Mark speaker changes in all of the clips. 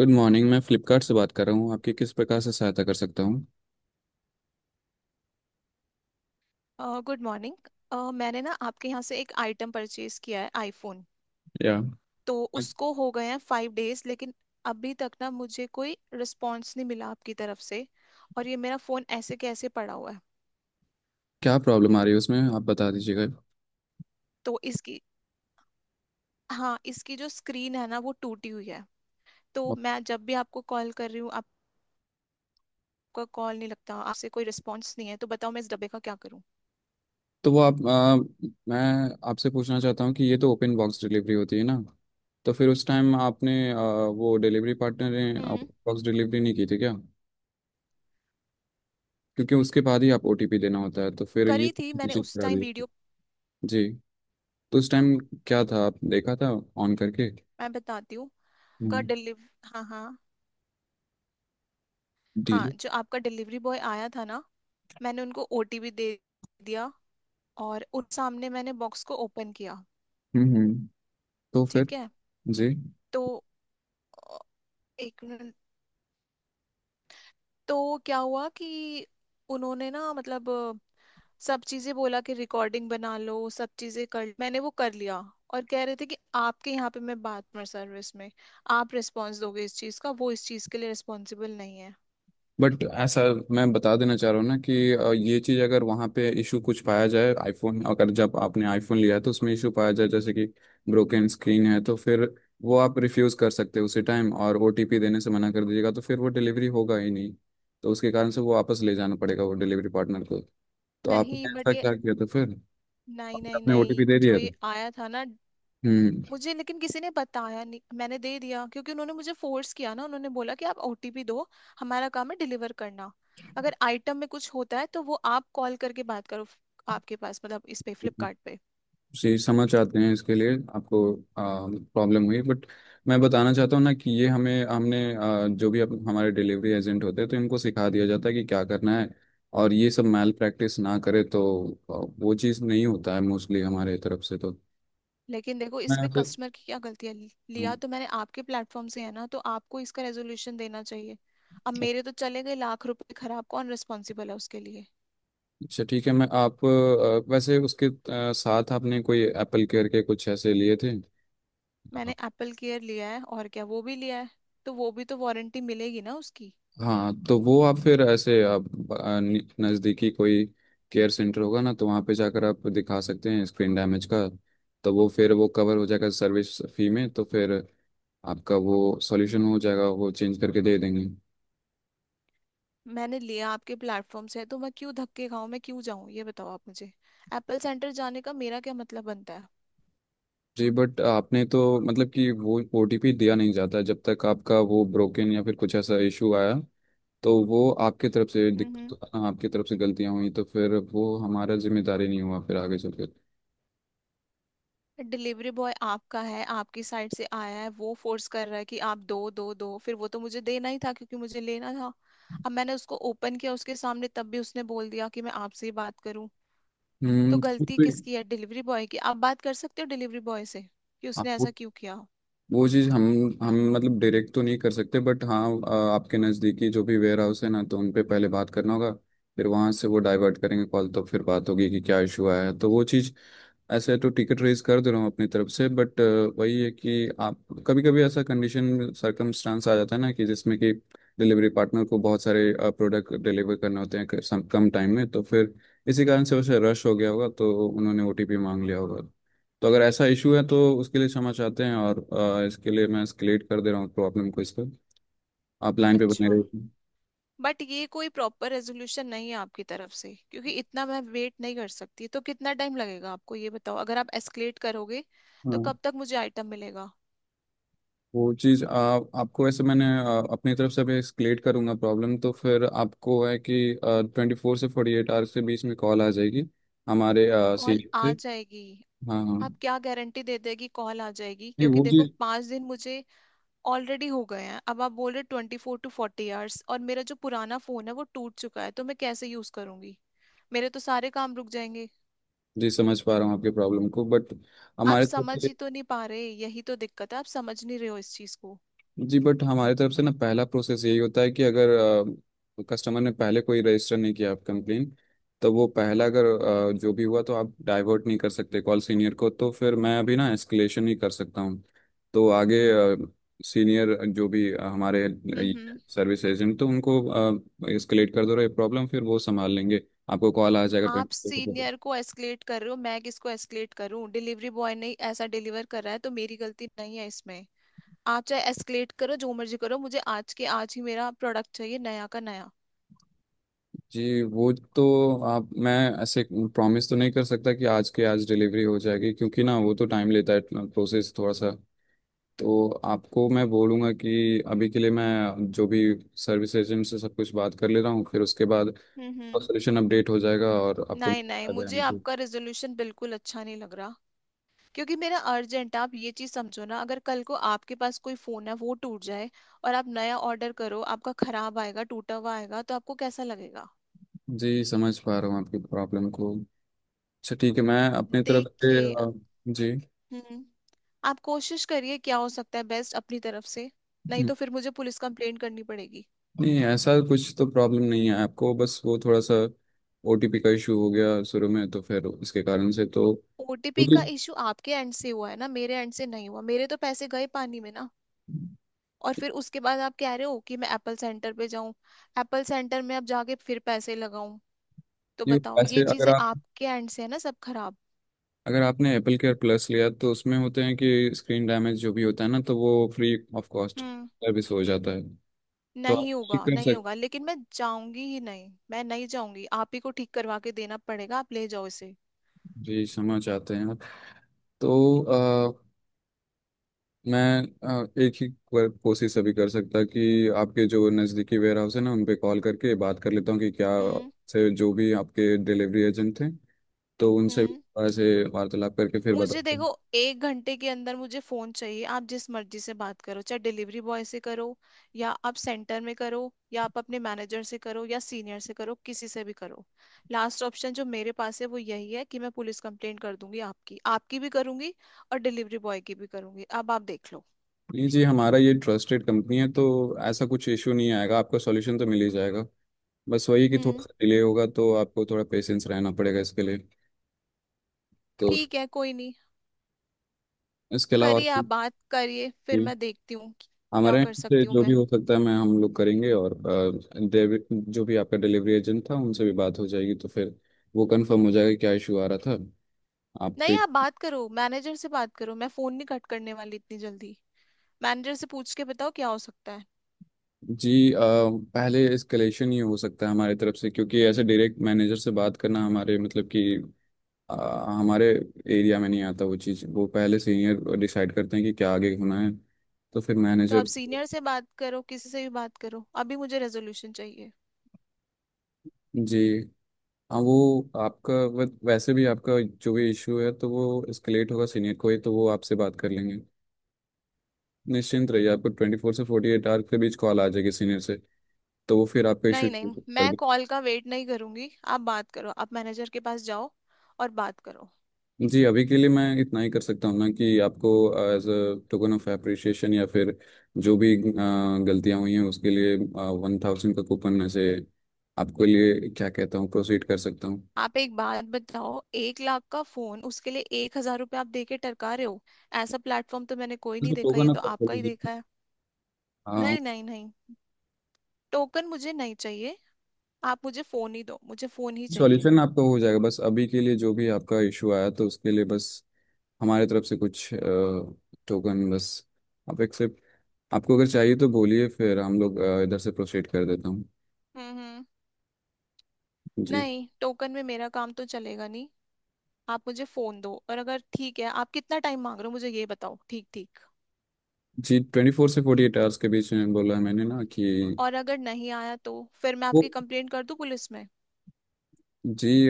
Speaker 1: Good morning. मैं फ्लिपकार्ट से बात कर रहा हूँ, आपकी किस प्रकार से सहायता कर सकता हूँ?
Speaker 2: Good morning. मैंने ना आपके यहाँ से एक आइटम परचेज किया है, आईफोन।
Speaker 1: या
Speaker 2: तो उसको हो गए हैं 5 डेज, लेकिन अभी तक ना मुझे कोई रिस्पॉन्स नहीं मिला आपकी तरफ से। और ये मेरा फ़ोन ऐसे के ऐसे पड़ा हुआ है।
Speaker 1: क्या प्रॉब्लम आ रही है उसमें, आप बता दीजिएगा।
Speaker 2: तो इसकी हाँ, इसकी जो स्क्रीन है ना, वो टूटी हुई है। तो
Speaker 1: अब
Speaker 2: मैं जब भी आपको कॉल कर रही हूँ, आपका कॉल नहीं लगता, आपसे कोई रिस्पॉन्स नहीं है। तो बताओ, मैं इस डब्बे का क्या करूँ।
Speaker 1: तो मैं आपसे पूछना चाहता हूँ कि ये तो ओपन बॉक्स डिलीवरी होती है ना। तो फिर उस टाइम आपने वो डिलीवरी पार्टनर ने
Speaker 2: हम्म।
Speaker 1: ओपन बॉक्स डिलीवरी नहीं की थी क्या? क्योंकि उसके बाद ही आप ओटीपी देना होता है तो फिर ये
Speaker 2: करी थी मैंने
Speaker 1: चीज़
Speaker 2: उस
Speaker 1: करा
Speaker 2: टाइम,
Speaker 1: दी।
Speaker 2: वीडियो।
Speaker 1: जी, तो उस टाइम क्या था, आप देखा था ऑन करके डील?
Speaker 2: मैं बताती हूँ। का
Speaker 1: हम्म।
Speaker 2: डिलीव हाँ हाँ। हाँ,
Speaker 1: deal?
Speaker 2: जो आपका डिलीवरी बॉय आया था ना, मैंने उनको ओटीपी दे दिया। और उन सामने मैंने बॉक्स को ओपन किया।
Speaker 1: हम्म, तो फिर।
Speaker 2: ठीक है।
Speaker 1: जी,
Speaker 2: तो अ, एक मिनट। तो क्या हुआ कि उन्होंने ना, मतलब सब चीजें बोला कि रिकॉर्डिंग बना लो, सब चीजें कर। मैंने वो कर लिया। और कह रहे थे कि आपके यहाँ पे, मैं बात कस्टमर सर्विस में, आप रिस्पॉन्स दोगे इस चीज का, वो इस चीज के लिए रिस्पॉन्सिबल नहीं है।
Speaker 1: बट ऐसा मैं बता देना चाह रहा हूँ ना कि ये चीज़ अगर वहाँ पे इशू कुछ पाया जाए आईफोन, अगर जब आपने आईफोन लिया है तो उसमें इशू पाया जाए, जैसे कि ब्रोकन स्क्रीन है, तो फिर वो आप रिफ्यूज़ कर सकते हो उसी टाइम और ओटीपी देने से मना कर दीजिएगा तो फिर वो डिलीवरी होगा ही नहीं। तो उसके कारण से वो वापस ले जाना पड़ेगा वो डिलीवरी पार्टनर को। तो
Speaker 2: नहीं,
Speaker 1: आपने ऐसा
Speaker 2: बट ये,
Speaker 1: क्या किया था फिर?
Speaker 2: नहीं नहीं
Speaker 1: आपने ओटीपी
Speaker 2: नहीं,
Speaker 1: दे
Speaker 2: जो
Speaker 1: दिया था?
Speaker 2: ये आया था ना,
Speaker 1: हम्म।
Speaker 2: मुझे लेकिन किसी ने बताया नहीं, मैंने दे दिया क्योंकि उन्होंने मुझे फोर्स किया ना। उन्होंने बोला कि आप ओटीपी दो, हमारा काम है डिलीवर करना, अगर आइटम में कुछ होता है तो वो आप कॉल करके बात करो। आपके पास, मतलब इस पे, फ्लिपकार्ट पे।
Speaker 1: जी, समझ आते हैं, इसके लिए आपको प्रॉब्लम हुई, बट मैं बताना चाहता हूँ ना कि ये हमें हमने आ, जो भी अप, हमारे डिलीवरी एजेंट होते हैं तो इनको सिखा दिया जाता है कि क्या करना है। और ये सब मैल प्रैक्टिस ना करे तो आ, वो चीज़ नहीं होता है मोस्टली हमारे तरफ से तो।
Speaker 2: लेकिन देखो,
Speaker 1: मैं
Speaker 2: इसमें
Speaker 1: तो।
Speaker 2: कस्टमर की क्या गलती है?
Speaker 1: हाँ।
Speaker 2: लिया तो मैंने आपके प्लेटफॉर्म से है ना, तो आपको इसका रेजोल्यूशन देना चाहिए। अब मेरे तो चले गए लाख रुपए खराब, कौन रिस्पॉन्सिबल है उसके लिए?
Speaker 1: अच्छा ठीक है, वैसे उसके साथ आपने कोई एप्पल केयर के कुछ ऐसे लिए थे?
Speaker 2: मैंने एप्पल केयर लिया है, और क्या वो भी लिया है, तो वो भी तो वारंटी मिलेगी ना उसकी।
Speaker 1: हाँ, तो वो आप फिर ऐसे नज़दीकी कोई केयर सेंटर होगा ना, तो वहाँ पे जाकर आप दिखा सकते हैं स्क्रीन डैमेज का। तो वो फिर वो कवर हो जाएगा सर्विस फी में, तो फिर आपका वो सॉल्यूशन हो जाएगा, वो चेंज करके दे देंगे।
Speaker 2: मैंने लिया आपके प्लेटफॉर्म से, तो मैं क्यों धक्के खाऊं, मैं क्यों जाऊं, ये बताओ आप मुझे। एप्पल सेंटर जाने का मेरा क्या मतलब बनता है?
Speaker 1: जी, बट आपने तो मतलब कि वो ओटीपी दिया नहीं जाता जब तक आपका वो ब्रोकन या फिर कुछ ऐसा इशू आया, तो वो आपके तरफ से
Speaker 2: हम्म।
Speaker 1: दिक- आपकी तरफ से गलतियाँ हुई तो फिर वो हमारा जिम्मेदारी नहीं हुआ फिर आगे चल के।
Speaker 2: डिलीवरी बॉय आपका है, आपकी साइड से आया है, वो फोर्स कर रहा है कि आप दो दो दो, फिर वो तो मुझे देना ही था क्योंकि मुझे लेना था। अब मैंने उसको ओपन किया उसके सामने, तब भी उसने बोल दिया कि मैं आपसे ही बात करूं। तो गलती किसकी है? डिलीवरी बॉय की। आप बात कर सकते हो डिलीवरी बॉय से कि उसने ऐसा
Speaker 1: हम्म।
Speaker 2: क्यों किया।
Speaker 1: वो चीज़ हम मतलब डायरेक्ट तो नहीं कर सकते, बट हाँ, आपके नज़दीकी जो भी वेयर हाउस है ना तो उन पे पहले बात करना होगा। फिर वहाँ से वो डाइवर्ट करेंगे कॉल, तो फिर बात होगी कि क्या इशू आया है, तो वो चीज़ ऐसे तो टिकट रेज कर दे रहा हूँ अपनी तरफ से। बट वही है कि आप, कभी कभी ऐसा कंडीशन सर्कमस्टांस आ जाता है ना कि जिसमें कि डिलीवरी पार्टनर को बहुत सारे प्रोडक्ट डिलीवर करने होते हैं कम टाइम में, तो फिर इसी कारण से वैसे रश हो गया होगा तो उन्होंने ओटीपी मांग लिया होगा। तो अगर ऐसा इशू है तो उसके लिए क्षमा चाहते हैं। और इसके लिए मैं एस्केलेट कर दे रहा हूँ प्रॉब्लम को इसका। आप लाइन पे बने
Speaker 2: अच्छा।
Speaker 1: रहिए।
Speaker 2: बट ये कोई प्रॉपर रेजोल्यूशन नहीं है आपकी तरफ से, क्योंकि इतना मैं वेट नहीं कर सकती। तो कितना टाइम लगेगा आपको, ये बताओ। अगर आप एस्केलेट करोगे तो
Speaker 1: हाँ,
Speaker 2: कब तक मुझे आइटम मिलेगा?
Speaker 1: वो चीज़ आप आपको वैसे मैंने अपनी तरफ से भी एस्केलेट करूँगा प्रॉब्लम, तो फिर आपको है कि ट्वेंटी फोर से फोर्टी एट आवर्स के बीच में कॉल आ जाएगी हमारे
Speaker 2: कॉल
Speaker 1: सीनियर से।
Speaker 2: आ जाएगी,
Speaker 1: हाँ, हाँ।
Speaker 2: आप क्या गारंटी दे देगी कॉल आ जाएगी?
Speaker 1: नहीं,
Speaker 2: क्योंकि
Speaker 1: वो
Speaker 2: देखो,
Speaker 1: चीज़।
Speaker 2: 5 दिन मुझे ऑलरेडी हो गए हैं, अब आप बोल रहे 24 टू 40 आवर्स, और मेरा जो पुराना फोन है वो टूट चुका है, तो मैं कैसे यूज करूंगी? मेरे तो सारे काम रुक जाएंगे।
Speaker 1: जी, समझ पा रहा हूँ आपकी प्रॉब्लम को, बट
Speaker 2: आप
Speaker 1: हमारे तरफ
Speaker 2: समझ
Speaker 1: से।
Speaker 2: ही तो नहीं पा रहे, यही तो दिक्कत है, आप समझ नहीं रहे हो इस चीज को।
Speaker 1: जी, बट हमारे तरफ से ना पहला प्रोसेस यही होता है कि अगर कस्टमर ने पहले कोई रजिस्टर नहीं किया आप कंप्लेन, तो वो पहला अगर जो भी हुआ, तो आप डाइवर्ट नहीं कर सकते कॉल सीनियर को, तो फिर मैं अभी ना एस्केलेशन ही कर सकता हूँ। तो आगे सीनियर जो भी हमारे
Speaker 2: हम्म।
Speaker 1: सर्विस एजेंट, तो उनको एस्केलेट कर दो ये प्रॉब्लम, फिर वो संभाल लेंगे। आपको कॉल आ जाएगा
Speaker 2: आप
Speaker 1: ट्वेंटी।
Speaker 2: सीनियर को एस्केलेट कर रहे हो, मैं किसको एस्केलेट करूं? डिलीवरी बॉय ने ऐसा डिलीवर कर रहा है, तो मेरी गलती नहीं है इसमें। आप चाहे एस्केलेट करो, जो मर्जी करो, मुझे आज के आज ही मेरा प्रोडक्ट चाहिए, नया का नया।
Speaker 1: जी, वो तो आप मैं ऐसे प्रॉमिस तो नहीं कर सकता कि आज के आज डिलीवरी हो जाएगी, क्योंकि ना वो तो टाइम लेता है प्रोसेस थोड़ा सा। तो आपको मैं बोलूँगा कि अभी के लिए मैं जो भी सर्विस एजेंट से सब कुछ बात कर ले रहा हूँ, फिर उसके बाद
Speaker 2: हम्म।
Speaker 1: सोल्यूशन अपडेट हो जाएगा और आपको मिल
Speaker 2: नहीं नहीं,
Speaker 1: जाएगा
Speaker 2: मुझे
Speaker 1: हमेशा।
Speaker 2: आपका रेजोल्यूशन बिल्कुल अच्छा नहीं लग रहा, क्योंकि मेरा अर्जेंट, आप ये चीज समझो ना, अगर कल को आपके पास कोई फोन है, वो टूट जाए और आप नया ऑर्डर करो, आपका खराब आएगा, टूटा हुआ आएगा, तो आपको कैसा लगेगा?
Speaker 1: जी, समझ पा रहा हूँ आपकी प्रॉब्लम को। अच्छा ठीक है, मैं अपनी तरफ से
Speaker 2: देखिए।
Speaker 1: जी।
Speaker 2: हम्म। आप कोशिश करिए क्या हो सकता है बेस्ट अपनी तरफ से, नहीं तो फिर मुझे पुलिस कंप्लेंट करनी पड़ेगी।
Speaker 1: नहीं, ऐसा कुछ तो प्रॉब्लम नहीं है आपको, बस वो थोड़ा सा ओटीपी का इशू हो गया शुरू में तो फिर उसके कारण से तो वो
Speaker 2: ओटीपी
Speaker 1: भी।
Speaker 2: का इशू आपके एंड से हुआ है ना, मेरे एंड से नहीं हुआ। मेरे तो पैसे गए पानी में ना। और फिर उसके बाद आप कह रहे हो कि मैं एप्पल सेंटर पे जाऊं, एप्पल सेंटर में अब जाके फिर पैसे लगाऊं। तो
Speaker 1: नहीं,
Speaker 2: बताओ, ये
Speaker 1: वैसे
Speaker 2: चीजें आपके एंड से है ना सब खराब।
Speaker 1: अगर आपने एप्पल केयर प्लस लिया तो उसमें होते हैं कि स्क्रीन डैमेज जो भी होता है ना, तो वो free of cost
Speaker 2: hmm.
Speaker 1: Service हो जाता है। तो आप
Speaker 2: नहीं होगा,
Speaker 1: ठीक कर
Speaker 2: नहीं
Speaker 1: सकते।
Speaker 2: होगा, लेकिन मैं जाऊंगी ही नहीं, मैं नहीं जाऊंगी। आप ही को ठीक करवा के देना पड़ेगा, आप ले जाओ इसे।
Speaker 1: जी, क्षमा चाहते हैं। आप तो मैं एक ही बार कोशिश अभी कर सकता कि आपके जो नज़दीकी वेयर हाउस है ना उन पे कॉल करके बात कर लेता हूँ कि क्या
Speaker 2: हम्म
Speaker 1: से जो भी आपके डिलीवरी एजेंट थे, तो उनसे भी
Speaker 2: हम्म।
Speaker 1: थोड़ा से वार्तालाप करके फिर
Speaker 2: मुझे
Speaker 1: बताता हूँ।
Speaker 2: देखो, 1 घंटे के अंदर मुझे फोन चाहिए। आप जिस मर्जी से बात करो, चाहे डिलीवरी बॉय से करो, या आप सेंटर में करो, या आप अपने मैनेजर से करो, या सीनियर से करो, किसी से भी करो। लास्ट ऑप्शन जो मेरे पास है वो यही है कि मैं पुलिस कंप्लेंट कर दूंगी, आपकी, आपकी भी करूंगी और डिलीवरी बॉय की भी करूंगी, अब आप देख लो।
Speaker 1: नहीं जी, हमारा ये ट्रस्टेड कंपनी है, तो ऐसा कुछ इशू नहीं आएगा, आपका सॉल्यूशन तो मिल ही जाएगा। बस वही कि थोड़ा
Speaker 2: हम्म।
Speaker 1: सा डिले होगा, तो आपको थोड़ा पेशेंस रहना पड़ेगा इसके लिए। तो
Speaker 2: ठीक है, कोई नहीं,
Speaker 1: इसके अलावा और
Speaker 2: करिए आप,
Speaker 1: कुछ?
Speaker 2: बात करिए, फिर
Speaker 1: जी,
Speaker 2: मैं देखती हूँ कि क्या
Speaker 1: हमारे
Speaker 2: कर
Speaker 1: यहाँ से
Speaker 2: सकती हूँ
Speaker 1: जो भी
Speaker 2: मैं।
Speaker 1: हो सकता है, मैं हम लोग करेंगे और जो भी आपका डिलीवरी एजेंट था उनसे भी बात हो जाएगी, तो फिर वो कंफर्म हो जाएगा क्या इशू आ रहा था
Speaker 2: नहीं,
Speaker 1: आपके।
Speaker 2: आप बात करो, मैनेजर से बात करो, मैं फोन नहीं कट करने वाली इतनी जल्दी। मैनेजर से पूछ के बताओ क्या हो सकता है।
Speaker 1: जी, पहले एस्केलेशन ही हो सकता है हमारी तरफ से, क्योंकि ऐसे डायरेक्ट मैनेजर से बात करना हमारे मतलब कि अ, हमारे एरिया में नहीं आता वो चीज़, वो पहले सीनियर डिसाइड करते हैं कि क्या आगे होना है, तो फिर
Speaker 2: तो आप
Speaker 1: मैनेजर।
Speaker 2: सीनियर से बात करो, किसी से भी बात करो, अभी मुझे रेजोल्यूशन चाहिए।
Speaker 1: जी, हाँ, वो आपका वैसे भी आपका जो भी इशू है तो वो एस्केलेट होगा सीनियर को ही, तो वो आपसे बात कर लेंगे। निश्चिंत रहिए, आपको ट्वेंटी फोर से फोर्टी एट आवर के बीच कॉल आ जाएगी सीनियर से, तो वो फिर आपका इशू
Speaker 2: नहीं नहीं,
Speaker 1: कर
Speaker 2: मैं
Speaker 1: दे।
Speaker 2: कॉल का वेट नहीं करूंगी। आप बात करो, आप मैनेजर के पास जाओ और बात करो।
Speaker 1: जी, अभी के लिए मैं इतना ही कर सकता हूँ ना कि आपको as a token of appreciation, या फिर जो भी गलतियाँ हुई हैं उसके लिए 1,000 का कूपन ऐसे आपके लिए, क्या कहता हूँ, प्रोसीड कर सकता हूँ?
Speaker 2: आप एक बात बताओ, 1 लाख का फोन, उसके लिए 1 हजार रुपये आप दे के टरका रहे हो? ऐसा प्लेटफॉर्म तो मैंने कोई नहीं
Speaker 1: उसमें
Speaker 2: देखा,
Speaker 1: टोकन
Speaker 2: ये तो
Speaker 1: ऑफ
Speaker 2: आपका ही
Speaker 1: एप्रिसिएशन।
Speaker 2: देखा है। नहीं नहीं नहीं, टोकन मुझे नहीं चाहिए। आप मुझे फोन ही दो, मुझे फोन ही चाहिए।
Speaker 1: सॉल्यूशन आपका हो जाएगा, बस अभी के लिए जो भी आपका इशू आया तो उसके लिए बस हमारे तरफ से कुछ टोकन बस, आप एक्सेप्ट, आपको अगर चाहिए तो बोलिए फिर हम लोग इधर से प्रोसीड कर देता हूँ।
Speaker 2: हम्म।
Speaker 1: जी।
Speaker 2: नहीं, टोकन में मेरा काम तो चलेगा नहीं। आप मुझे फोन दो, और अगर ठीक है, आप कितना टाइम मांग रहे हो, मुझे ये बताओ ठीक ठीक।
Speaker 1: जी, ट्वेंटी फोर से फोर्टी एट आवर्स के बीच में बोला है मैंने ना कि
Speaker 2: और अगर नहीं आया तो फिर मैं
Speaker 1: वो।
Speaker 2: आपकी कंप्लेंट कर दूं पुलिस में?
Speaker 1: जी,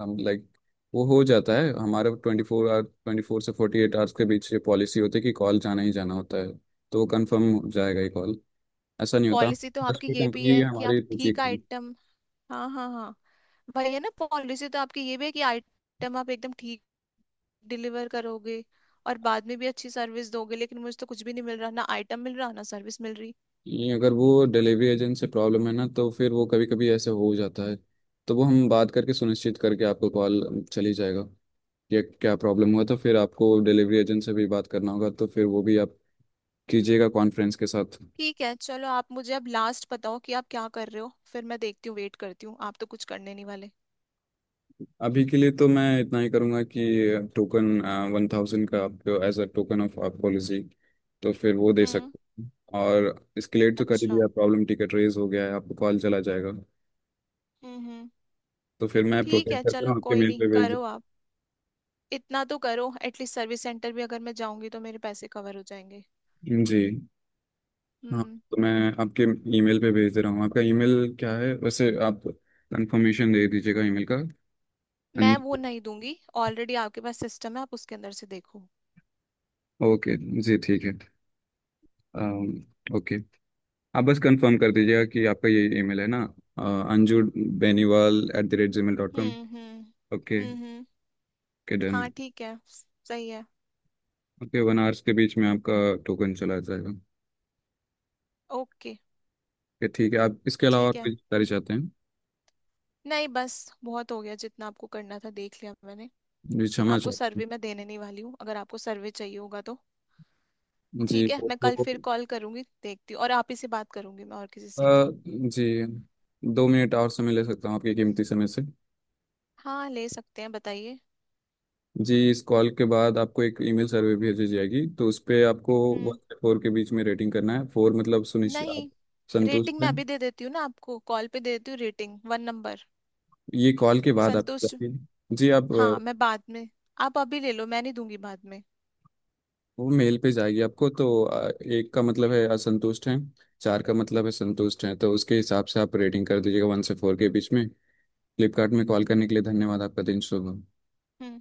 Speaker 1: लाइक वो हो जाता है हमारा 24 आवर, ट्वेंटी फोर से फोर्टी एट आवर्स के बीच ये पॉलिसी होती है कि कॉल जाना ही जाना होता है। तो वो कन्फर्म हो जाएगा ये कॉल, ऐसा नहीं होता,
Speaker 2: पॉलिसी तो
Speaker 1: 10
Speaker 2: आपकी
Speaker 1: पे
Speaker 2: ये भी
Speaker 1: कंपनी
Speaker 2: है कि आप
Speaker 1: हमारी पूछी।
Speaker 2: ठीक आइटम, हाँ हाँ हाँ, भाई है ना, पॉलिसी तो आपकी ये भी है कि आइटम आप एकदम ठीक डिलीवर करोगे और बाद में भी अच्छी सर्विस दोगे, लेकिन मुझे तो कुछ भी नहीं मिल रहा, ना आइटम मिल रहा, ना सर्विस मिल रही।
Speaker 1: नहीं, अगर वो डिलीवरी एजेंट से प्रॉब्लम है ना तो फिर वो कभी कभी ऐसे हो जाता है, तो वो हम बात करके सुनिश्चित करके आपको कॉल चली जाएगा कि क्या प्रॉब्लम हुआ, तो फिर आपको डिलीवरी एजेंट से भी बात करना होगा तो फिर वो भी आप कीजिएगा कॉन्फ्रेंस के साथ।
Speaker 2: ठीक है, चलो, आप मुझे अब लास्ट बताओ कि आप क्या कर रहे हो, फिर मैं देखती हूँ, वेट करती हूँ, आप तो कुछ करने नहीं वाले।
Speaker 1: अभी के लिए तो मैं इतना ही करूँगा कि टोकन 1,000 का आपको एज अ टोकन ऑफ आप पॉलिसी, तो फिर वो दे
Speaker 2: हम्म।
Speaker 1: सकते हैं। और इसकेलेट तो कर ही
Speaker 2: अच्छा।
Speaker 1: दिया, प्रॉब्लम टिकट रेज हो गया है, आपको कॉल चला जाएगा।
Speaker 2: हम्म।
Speaker 1: तो फिर मैं
Speaker 2: ठीक
Speaker 1: प्रोसेस
Speaker 2: है,
Speaker 1: करके ना
Speaker 2: चलो
Speaker 1: आपके
Speaker 2: कोई
Speaker 1: मेल
Speaker 2: नहीं,
Speaker 1: पे भेज
Speaker 2: करो आप। इतना तो करो एटलीस्ट, सर्विस सेंटर भी अगर मैं जाऊंगी तो मेरे पैसे कवर हो जाएंगे।
Speaker 1: दूँ जी। हाँ,
Speaker 2: हम्म।
Speaker 1: तो मैं आपके ईमेल पे भेज दे रहा हूँ। आपका ईमेल क्या है वैसे, आप कंफर्मेशन दे दीजिएगा ईमेल का। अन-
Speaker 2: मैं वो नहीं दूंगी, ऑलरेडी आपके पास सिस्टम है, आप उसके अंदर से देखो।
Speaker 1: ओके। जी ठीक है, अम, ओके, आप बस कंफर्म कर दीजिएगा कि आपका ये ईमेल है ना, anjubeniwal@gmail.com।
Speaker 2: हम्म।
Speaker 1: ओके।
Speaker 2: हम्म।
Speaker 1: Okay done.
Speaker 2: हाँ, ठीक है। सही है।
Speaker 1: ओके, वन आवर्स के बीच में आपका टोकन चला जाएगा।
Speaker 2: ओके,
Speaker 1: ओके ठीक है, आप इसके अलावा और
Speaker 2: ठीक है।
Speaker 1: कोई जानकारी चाहते हैं?
Speaker 2: नहीं, बस बहुत हो गया, जितना आपको करना था देख लिया मैंने।
Speaker 1: जी क्षमा
Speaker 2: आपको
Speaker 1: चाहते
Speaker 2: सर्वे मैं देने नहीं वाली हूँ, अगर आपको सर्वे चाहिए होगा तो।
Speaker 1: हैं जी,
Speaker 2: ठीक है,
Speaker 1: तो
Speaker 2: मैं कल फिर कॉल करूंगी, देखती हूँ, और आप ही से बात करूंगी, मैं और किसी से नहीं।
Speaker 1: जी, 2 मिनट और समय ले सकता हूँ आपके कीमती समय से?
Speaker 2: हाँ, ले सकते हैं, बताइए।
Speaker 1: जी, इस कॉल के बाद आपको एक ईमेल सर्वे भेजी जाएगी तो उस पे आपको वन
Speaker 2: हम्म।
Speaker 1: से फोर के बीच में रेटिंग करना है, फोर मतलब सुनिश्चित
Speaker 2: नहीं,
Speaker 1: आप
Speaker 2: रेटिंग
Speaker 1: संतुष्ट
Speaker 2: मैं
Speaker 1: हैं।
Speaker 2: अभी दे देती हूँ ना, आपको कॉल पे दे देती हूँ, रेटिंग 1 नंबर,
Speaker 1: ये कॉल के बाद आप
Speaker 2: संतुष्ट।
Speaker 1: जाके जी, आप
Speaker 2: हाँ, मैं बाद में, आप अभी ले लो, मैं नहीं दूंगी बाद में।
Speaker 1: वो मेल पे जाएगी आपको, तो एक का मतलब है असंतुष्ट हैं, चार का मतलब है संतुष्ट हैं, तो उसके हिसाब से आप रेटिंग कर दीजिएगा वन से फोर के बीच में। फ्लिपकार्ट में कॉल करने के लिए धन्यवाद, आपका दिन शुभ हो।
Speaker 2: हम्म।